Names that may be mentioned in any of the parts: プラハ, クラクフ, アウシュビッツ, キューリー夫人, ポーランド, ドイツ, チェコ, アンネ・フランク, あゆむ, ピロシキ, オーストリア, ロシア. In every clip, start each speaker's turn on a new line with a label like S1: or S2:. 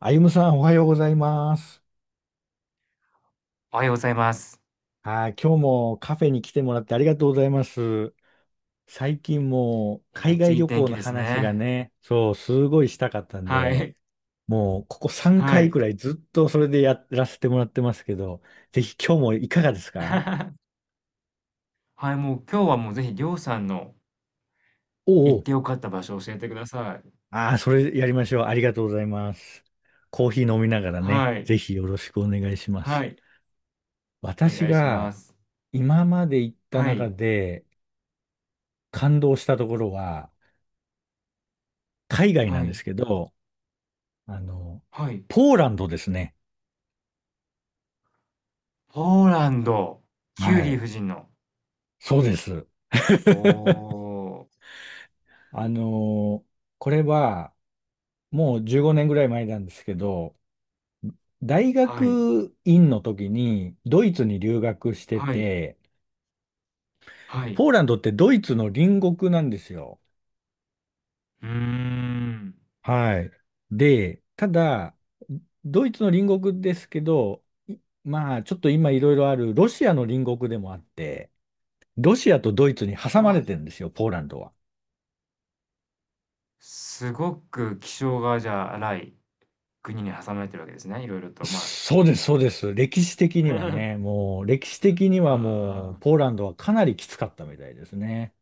S1: あゆむさん、おはようございます。
S2: おはようございます。
S1: はい、今日もカフェに来てもらってありがとうございます。最近もう
S2: いや、め
S1: 海
S2: っちゃ
S1: 外
S2: いい
S1: 旅
S2: 天
S1: 行
S2: 気
S1: の
S2: です
S1: 話が
S2: ね。
S1: ね、そう、すごいしたかったん
S2: は
S1: で、
S2: い。
S1: もうここ3
S2: は
S1: 回
S2: い。
S1: くらいずっとそれでやらせてもらってますけど、ぜひ今日もいかがですか。
S2: はい、もう今日はもうぜひりょうさんの
S1: おうお
S2: 行っ
S1: う。
S2: てよかった場所を教えてください。
S1: ああ、それやりましょう。ありがとうございます。コーヒー飲みながらね、
S2: はい。
S1: ぜひよろしくお願いしま
S2: は
S1: す。
S2: い。お
S1: 私
S2: 願いし
S1: が
S2: ます。
S1: 今まで行った
S2: は
S1: 中
S2: い。
S1: で感動したところは、海外な
S2: は
S1: んで
S2: い。
S1: すけど、あの、
S2: はい。
S1: ポーランドですね。
S2: ポーランド。キュー
S1: は
S2: リー
S1: い。
S2: 夫人の。
S1: そうです。
S2: おー。
S1: あの、これはもう15年ぐらい前なんですけど、大
S2: はい。
S1: 学院の時にドイツに留学して
S2: はい。
S1: て、
S2: はい。
S1: ポーランドってドイツの隣国なんですよ。
S2: うーん。
S1: はい。で、ただ、ドイツの隣国ですけど、いちょっと今いろいろあるロシアの隣国でもあって、ロシアとドイツに
S2: う
S1: 挟ま
S2: わ、
S1: れてるんですよ、ポーランドは。
S2: すごく気性がじゃあ荒い国に挟まれてるわけですね。いろいろと、ま
S1: そうです、そうです。歴史的には
S2: あ。
S1: ね、もう、歴史的にはもう、
S2: ああ。
S1: ポーランドはかなりきつかったみたいですね。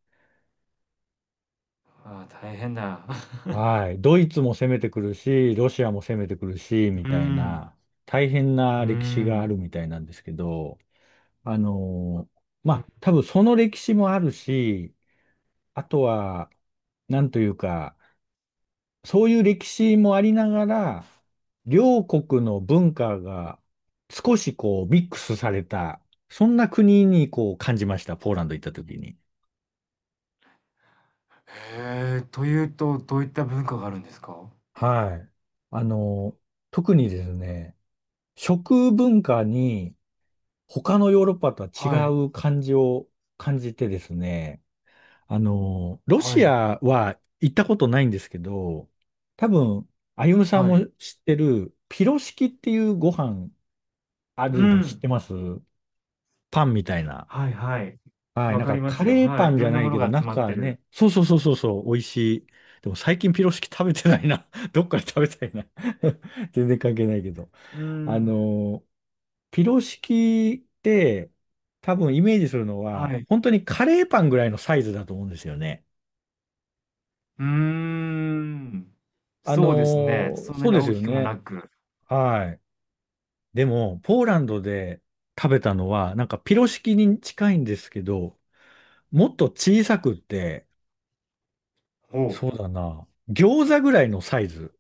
S2: ああ、大変だ。
S1: はい。ドイツも攻めてくるし、ロシアも攻めてくるし、み
S2: うー
S1: たい
S2: ん。
S1: な、大変
S2: う
S1: な
S2: ー
S1: 歴史があ
S2: ん。
S1: るみたいなんですけど、まあ、多分その歴史もあるし、あとは、なんというか、そういう歴史もありながら、両国の文化が少しこうミックスされた、そんな国にこう感じました、ポーランド行った時に。
S2: へえ、というと、どういった文化があるんですか？
S1: はい。あの、特にですね、食文化に他のヨーロッパとは
S2: はい、
S1: 違う感じを感じてですね、ロ
S2: は
S1: シ
S2: い、
S1: アは行ったことないんですけど、多分、あゆむさん
S2: はい。
S1: も知ってる、ピロシキっていうご飯あ
S2: う
S1: るの知っ
S2: ん。
S1: てますパンみたいな。
S2: はいはい。
S1: はい。
S2: わ
S1: なん
S2: か
S1: か、
S2: りま
S1: カ
S2: すよ。
S1: レー
S2: は
S1: パ
S2: い。い
S1: ンじ
S2: ろ
S1: ゃ
S2: んな
S1: ない
S2: もの
S1: けど、
S2: が集まっ
S1: 中
S2: てる。
S1: ね。そうそうそうそうそう、美味しい。でも最近ピロシキ食べてないな。どっかで食べたいな。 全然関係ないけど、
S2: うー
S1: あ
S2: ん。
S1: のー、ピロシキって、多分イメージするの
S2: は
S1: は、
S2: い。
S1: 本当にカレーパンぐらいのサイズだと思うんですよね。
S2: うーん。
S1: あの
S2: そうですね。そんな
S1: そう
S2: に
S1: です
S2: 大
S1: よ
S2: きくも
S1: ね。
S2: なく。
S1: はい。でも、ポーランドで食べたのは、なんかピロシキに近いんですけど、もっと小さくって、
S2: ほ
S1: そうだな。餃子ぐらいのサイズ。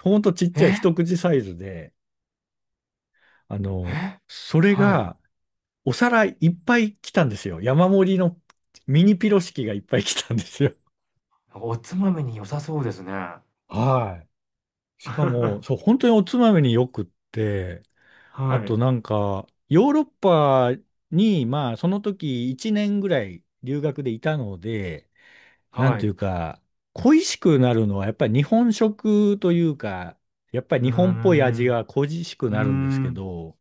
S1: ほんとちっ
S2: う。
S1: ちゃい
S2: え？
S1: 一口サイズで、あの、
S2: え？
S1: それ
S2: はい。
S1: がお皿いっぱい来たんですよ。山盛りのミニピロシキがいっぱい来たんですよ。
S2: おつまみに良さそうですね。
S1: はい。しか
S2: は
S1: も、そう、本当におつまみによくって、あと
S2: い。
S1: なんか、ヨーロッパに、まあ、その時1年ぐらい留学でいたので、なん
S2: はい。
S1: とい
S2: う
S1: うか、恋しくなるのはやっぱり日本食というか、やっぱり
S2: ー
S1: 日本っぽい味
S2: ん。
S1: が恋しく
S2: うー
S1: なるんですけ
S2: ん。
S1: ど、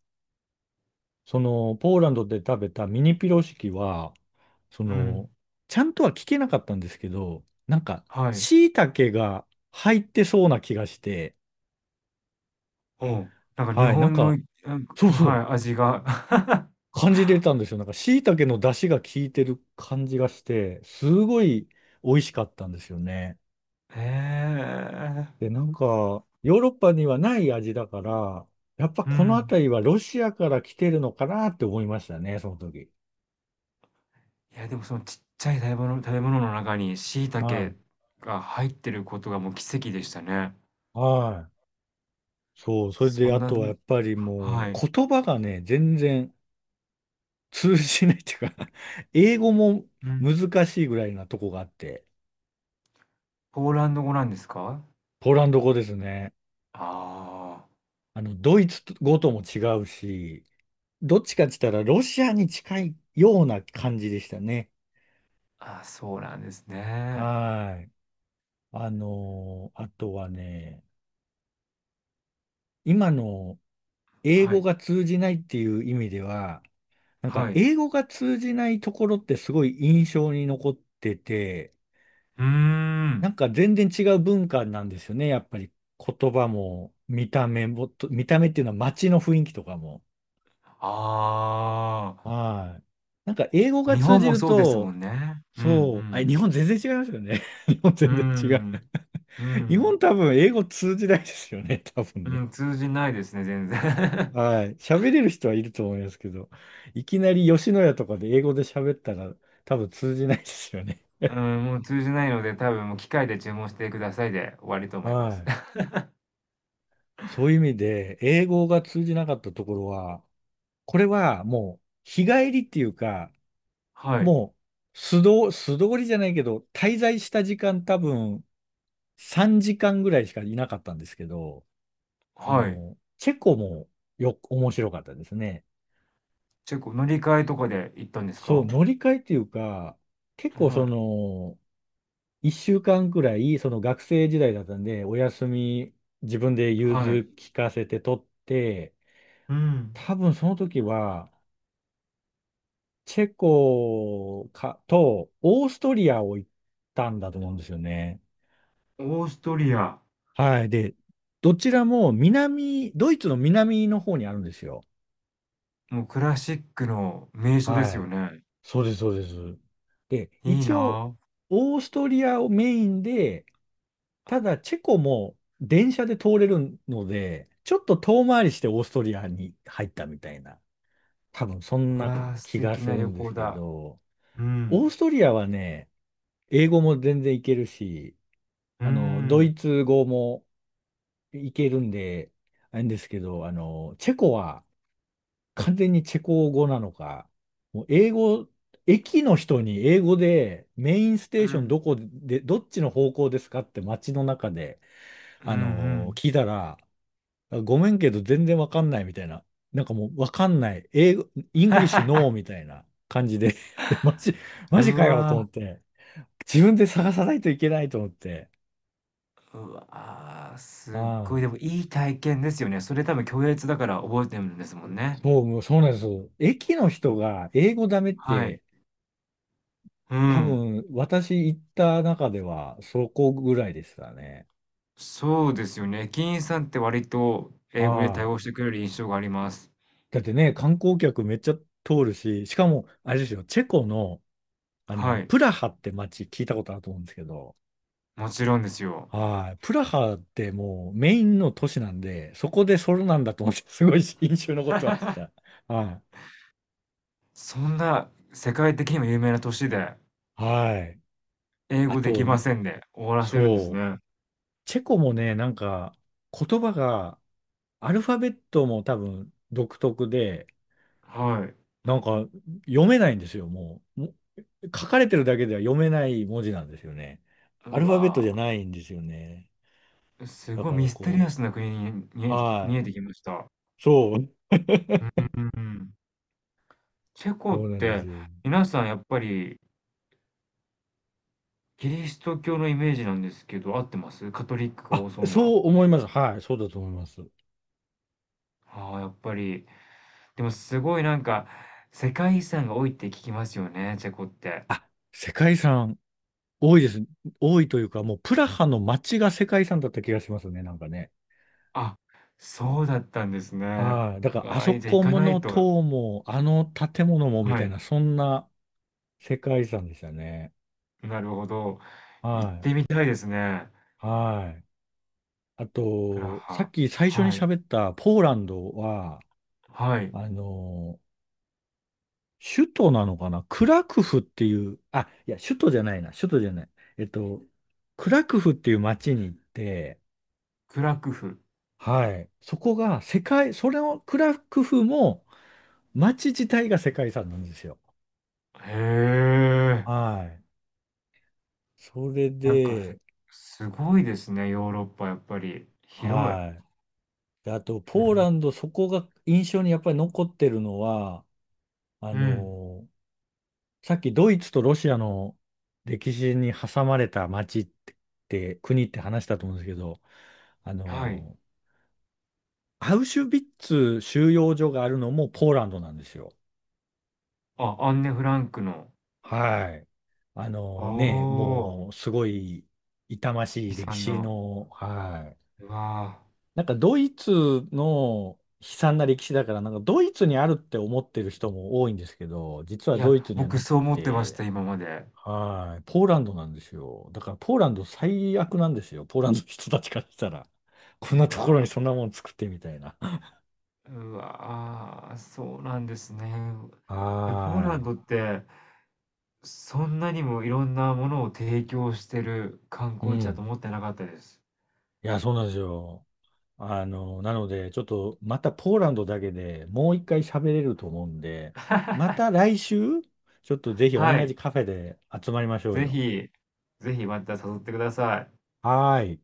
S1: そのポーランドで食べたミニピロシキは、そ
S2: うん。
S1: の、ちゃんとは聞けなかったんですけど、なんか、
S2: はい。
S1: 椎茸が入ってそうな気がして、
S2: うん。なんか日
S1: はい、なん
S2: 本
S1: か、
S2: の、なんか
S1: そうそ
S2: はい、味が。
S1: う、感じれたんですよ。なんか、椎茸の出汁が効いてる感じがして、すごい美味しかったんですよね。
S2: へえ。
S1: で、なんか、ヨーロッパにはない味だから、やっぱ
S2: う
S1: この
S2: ん。
S1: 辺りはロシアから来てるのかなって思いましたね、その時。
S2: いや、でもそのちっちゃい食べ物の中に椎
S1: は
S2: 茸
S1: い。
S2: が入ってることがもう奇跡でしたね。
S1: はい。そう、それ
S2: そ
S1: であ
S2: んな、
S1: とはやっぱり
S2: は
S1: も
S2: い。
S1: う、言葉がね、全然通じないっていうか 英語も
S2: うん。
S1: 難しいぐらいなとこがあって、
S2: ポーランド語なんですか？
S1: ポーランド語ですね。
S2: あ
S1: ドイツ語とも違うし、どっちかって言ったらロシアに近いような感じでしたね。
S2: あ。あ、そうなんですね。
S1: はい。あとはね、今の英
S2: は
S1: 語
S2: い。
S1: が通じないっていう意味では、なんか
S2: はい。
S1: 英語が通じないところってすごい印象に残ってて、
S2: うー
S1: な
S2: ん。
S1: んか全然違う文化なんですよね。やっぱり言葉も見た目もと、見た目っていうのは街の雰囲気とかも。
S2: あ
S1: はい。なんか英語
S2: あ。
S1: が
S2: 日
S1: 通
S2: 本
S1: じ
S2: も
S1: る
S2: そうですも
S1: と、
S2: んね。う
S1: そう、あ、
S2: ん
S1: 日本全然違いますよね。日本
S2: う
S1: 全然違う。
S2: ん。うーん。う
S1: 日
S2: ん。
S1: 本多分英語通じないですよね。多分
S2: う
S1: ね。
S2: ん、通じないですね、全然。
S1: はい。喋れる人はいると思いますけど、いきなり吉野家とかで英語で喋ったら多分通じないですよね。
S2: うん、もう通じないので、多分もう機械で注文してくださいで終わりと思いま
S1: は
S2: す。
S1: い。そういう意味で、英語が通じなかったところは、これはもう日帰りっていうか、
S2: はい、
S1: もう素通、素通りじゃないけど、滞在した時間多分3時間ぐらいしかいなかったんですけど、
S2: はい。
S1: チェコもよ、面白かったですね。
S2: チェコ、乗り換えとかで行ったんです
S1: そう、
S2: か？
S1: 乗り換えっていうか、結構
S2: は
S1: そ
S2: い、
S1: の、一週間くらい、その学生時代だったんで、お休み自分で融
S2: はい。
S1: 通聞かせて取って、
S2: うん。
S1: 多分その時は、チェコかとオーストリアを行ったんだと思うんですよね。
S2: オーストリア、
S1: はい。で、どちらも南、ドイツの南の方にあるんですよ。
S2: もうクラシックの名所です
S1: は
S2: よ
S1: い。
S2: ね。
S1: そうです、そうです。で、
S2: いい
S1: 一
S2: な
S1: 応、
S2: あ。
S1: オーストリアをメインで、ただ、チェコも電車で通れるので、ちょっと遠回りしてオーストリアに入ったみたいな、多分そん
S2: う
S1: な
S2: わあ、素
S1: 気が
S2: 敵
S1: す
S2: な
S1: る
S2: 旅
S1: んです
S2: 行
S1: け
S2: だ。
S1: ど、
S2: う
S1: オー
S2: ん。
S1: ストリアはね、英語も全然いけるし、
S2: う
S1: ド
S2: ん。
S1: イツ語もいけるんで、あれですけど、チェコは完全にチェコ語なのか、もう英語、駅の人に英語でメインス
S2: う
S1: テーション
S2: ん。
S1: どこで、どっちの方向ですかって街の中で、
S2: うん
S1: 聞いたら、あごめんけど全然わかんないみたいな。なんかもうわかんない。英語、イングリッシュノーみたいな感じで でマジ、
S2: う
S1: マジ
S2: ん。
S1: か
S2: う
S1: よと思
S2: わ
S1: って。自分で探さないといけないと思って。
S2: うわー、
S1: あ
S2: すっごい、で
S1: あ、
S2: もいい体験ですよね。それ多分共通だから覚えてるんですもんね。
S1: そう、もうそうなんですよ。駅の
S2: う
S1: 人
S2: ん、
S1: が英語ダメっ
S2: はい。
S1: て、
S2: う
S1: 多
S2: ん。
S1: 分私行った中ではそこぐらいでしたね。
S2: そうですよね。駅員さんって割と英語で対
S1: はい。
S2: 応してくれる印象があります。
S1: だってね、観光客めっちゃ通るし、しかも、あれですよ、チェコの、
S2: はい、
S1: プラハって街聞いたことあると思うんですけど、
S2: もちろんですよ。
S1: はい。プラハってもうメインの都市なんで、そこでソロなんだと思って、すごい印象に残ってました。はい。
S2: そんな世界的にも有名な都市で、
S1: はい。
S2: 英
S1: あ
S2: 語でき
S1: と、
S2: ませんで終わらせるんです
S1: そう。
S2: ね。
S1: チェコもね、なんか、言葉が、アルファベットも多分独特で、
S2: はい。
S1: なんか読めないんですよ、もう。も書かれてるだけでは読めない文字なんですよね。ア
S2: う
S1: ルファベット
S2: わ
S1: じゃないんですよね。
S2: ー、す
S1: だ
S2: ごい
S1: か
S2: ミ
S1: ら
S2: ステリア
S1: こ
S2: スな国に見
S1: う、
S2: えてき
S1: は
S2: 見
S1: い。
S2: えてきました。
S1: そう。
S2: うんうんうん。チェコ
S1: そ
S2: っ
S1: うなんです
S2: て
S1: よ。
S2: 皆さんやっぱりキリスト教のイメージなんですけど、合ってます？カトリックが多
S1: あ、
S2: そうな。
S1: そう思います。はい。そうだと思います。
S2: ああ、やっぱり。でもすごいなんか、世界遺産が多いって聞きますよね、チェコって。
S1: あ、世界遺産多いです。多いというか、もうプラハの街が世界遺産だった気がしますね、なんかね。
S2: あ、そうだったんですね。
S1: はい。だから、あ
S2: わ
S1: そ
S2: あ、じゃあ行
S1: こ
S2: か
S1: も
S2: な
S1: の
S2: いと。
S1: 塔も、あの建物もみ
S2: は
S1: たい
S2: い、
S1: な、そんな世界遺産でしたね。
S2: なるほど。
S1: は
S2: 行っ
S1: い。
S2: てみたいですね。
S1: はい。あ
S2: プラ
S1: と、さ
S2: ハ。
S1: っき最初に
S2: はい、
S1: 喋ったポーランドは、
S2: はい。
S1: あの、首都なのかなクラクフっていう、あ、いや、首都じゃないな、首都じゃない。えっと、クラクフっていう街に行って、
S2: クラクフ。
S1: はい。そこが世界、それをクラクフも街自体が世界遺産なんですよ。
S2: へえ。
S1: はい。それ
S2: なんか、
S1: で、
S2: すごいですね、ヨーロッパやっぱり。広い。
S1: はい。であと、
S2: う
S1: ポーラ
S2: ん。
S1: ンド、そこが印象にやっぱり残ってるのは、あ
S2: うん。
S1: のーさっきドイツとロシアの歴史に挟まれた街って、国って話したと思うんですけど、あ
S2: はい。
S1: のーアウシュビッツ収容所があるのもポーランドなんですよ。
S2: あ、アンネ・フランクの。
S1: はい。あ
S2: お
S1: のね、
S2: ー、
S1: もうすごい痛ましい
S2: 悲
S1: 歴
S2: 惨
S1: 史
S2: な。
S1: の、はい。
S2: うわ
S1: なんかドイツの悲惨な歴史だから、なんかドイツにあるって思ってる人も多いんですけど、実
S2: ー
S1: は
S2: い
S1: ドイ
S2: や、
S1: ツには
S2: 僕
S1: なくっ
S2: そう思ってまし
S1: て、
S2: た、今まで。
S1: はい。ポーランドなんですよ。だからポーランド最悪なんですよ。ポーランドの人たちからしたら。こん
S2: う
S1: なところに
S2: わ
S1: そんなもん作ってみたいな。
S2: ー、うわ、あーそうなんですね。
S1: は
S2: いや、ポーランドって、そんなにもいろんなものを提供してる観
S1: い。う
S2: 光地だと
S1: ん。
S2: 思ってなかったです。
S1: いや、そうなんですよ。なので、ちょっとまたポーランドだけでもう一回喋れると思うんで、ま た来週、ちょっとぜひ
S2: は
S1: 同じ
S2: い。
S1: カフェで集まりましょう
S2: ぜ
S1: よ。
S2: ひ、ぜひまた誘ってください。
S1: はーい。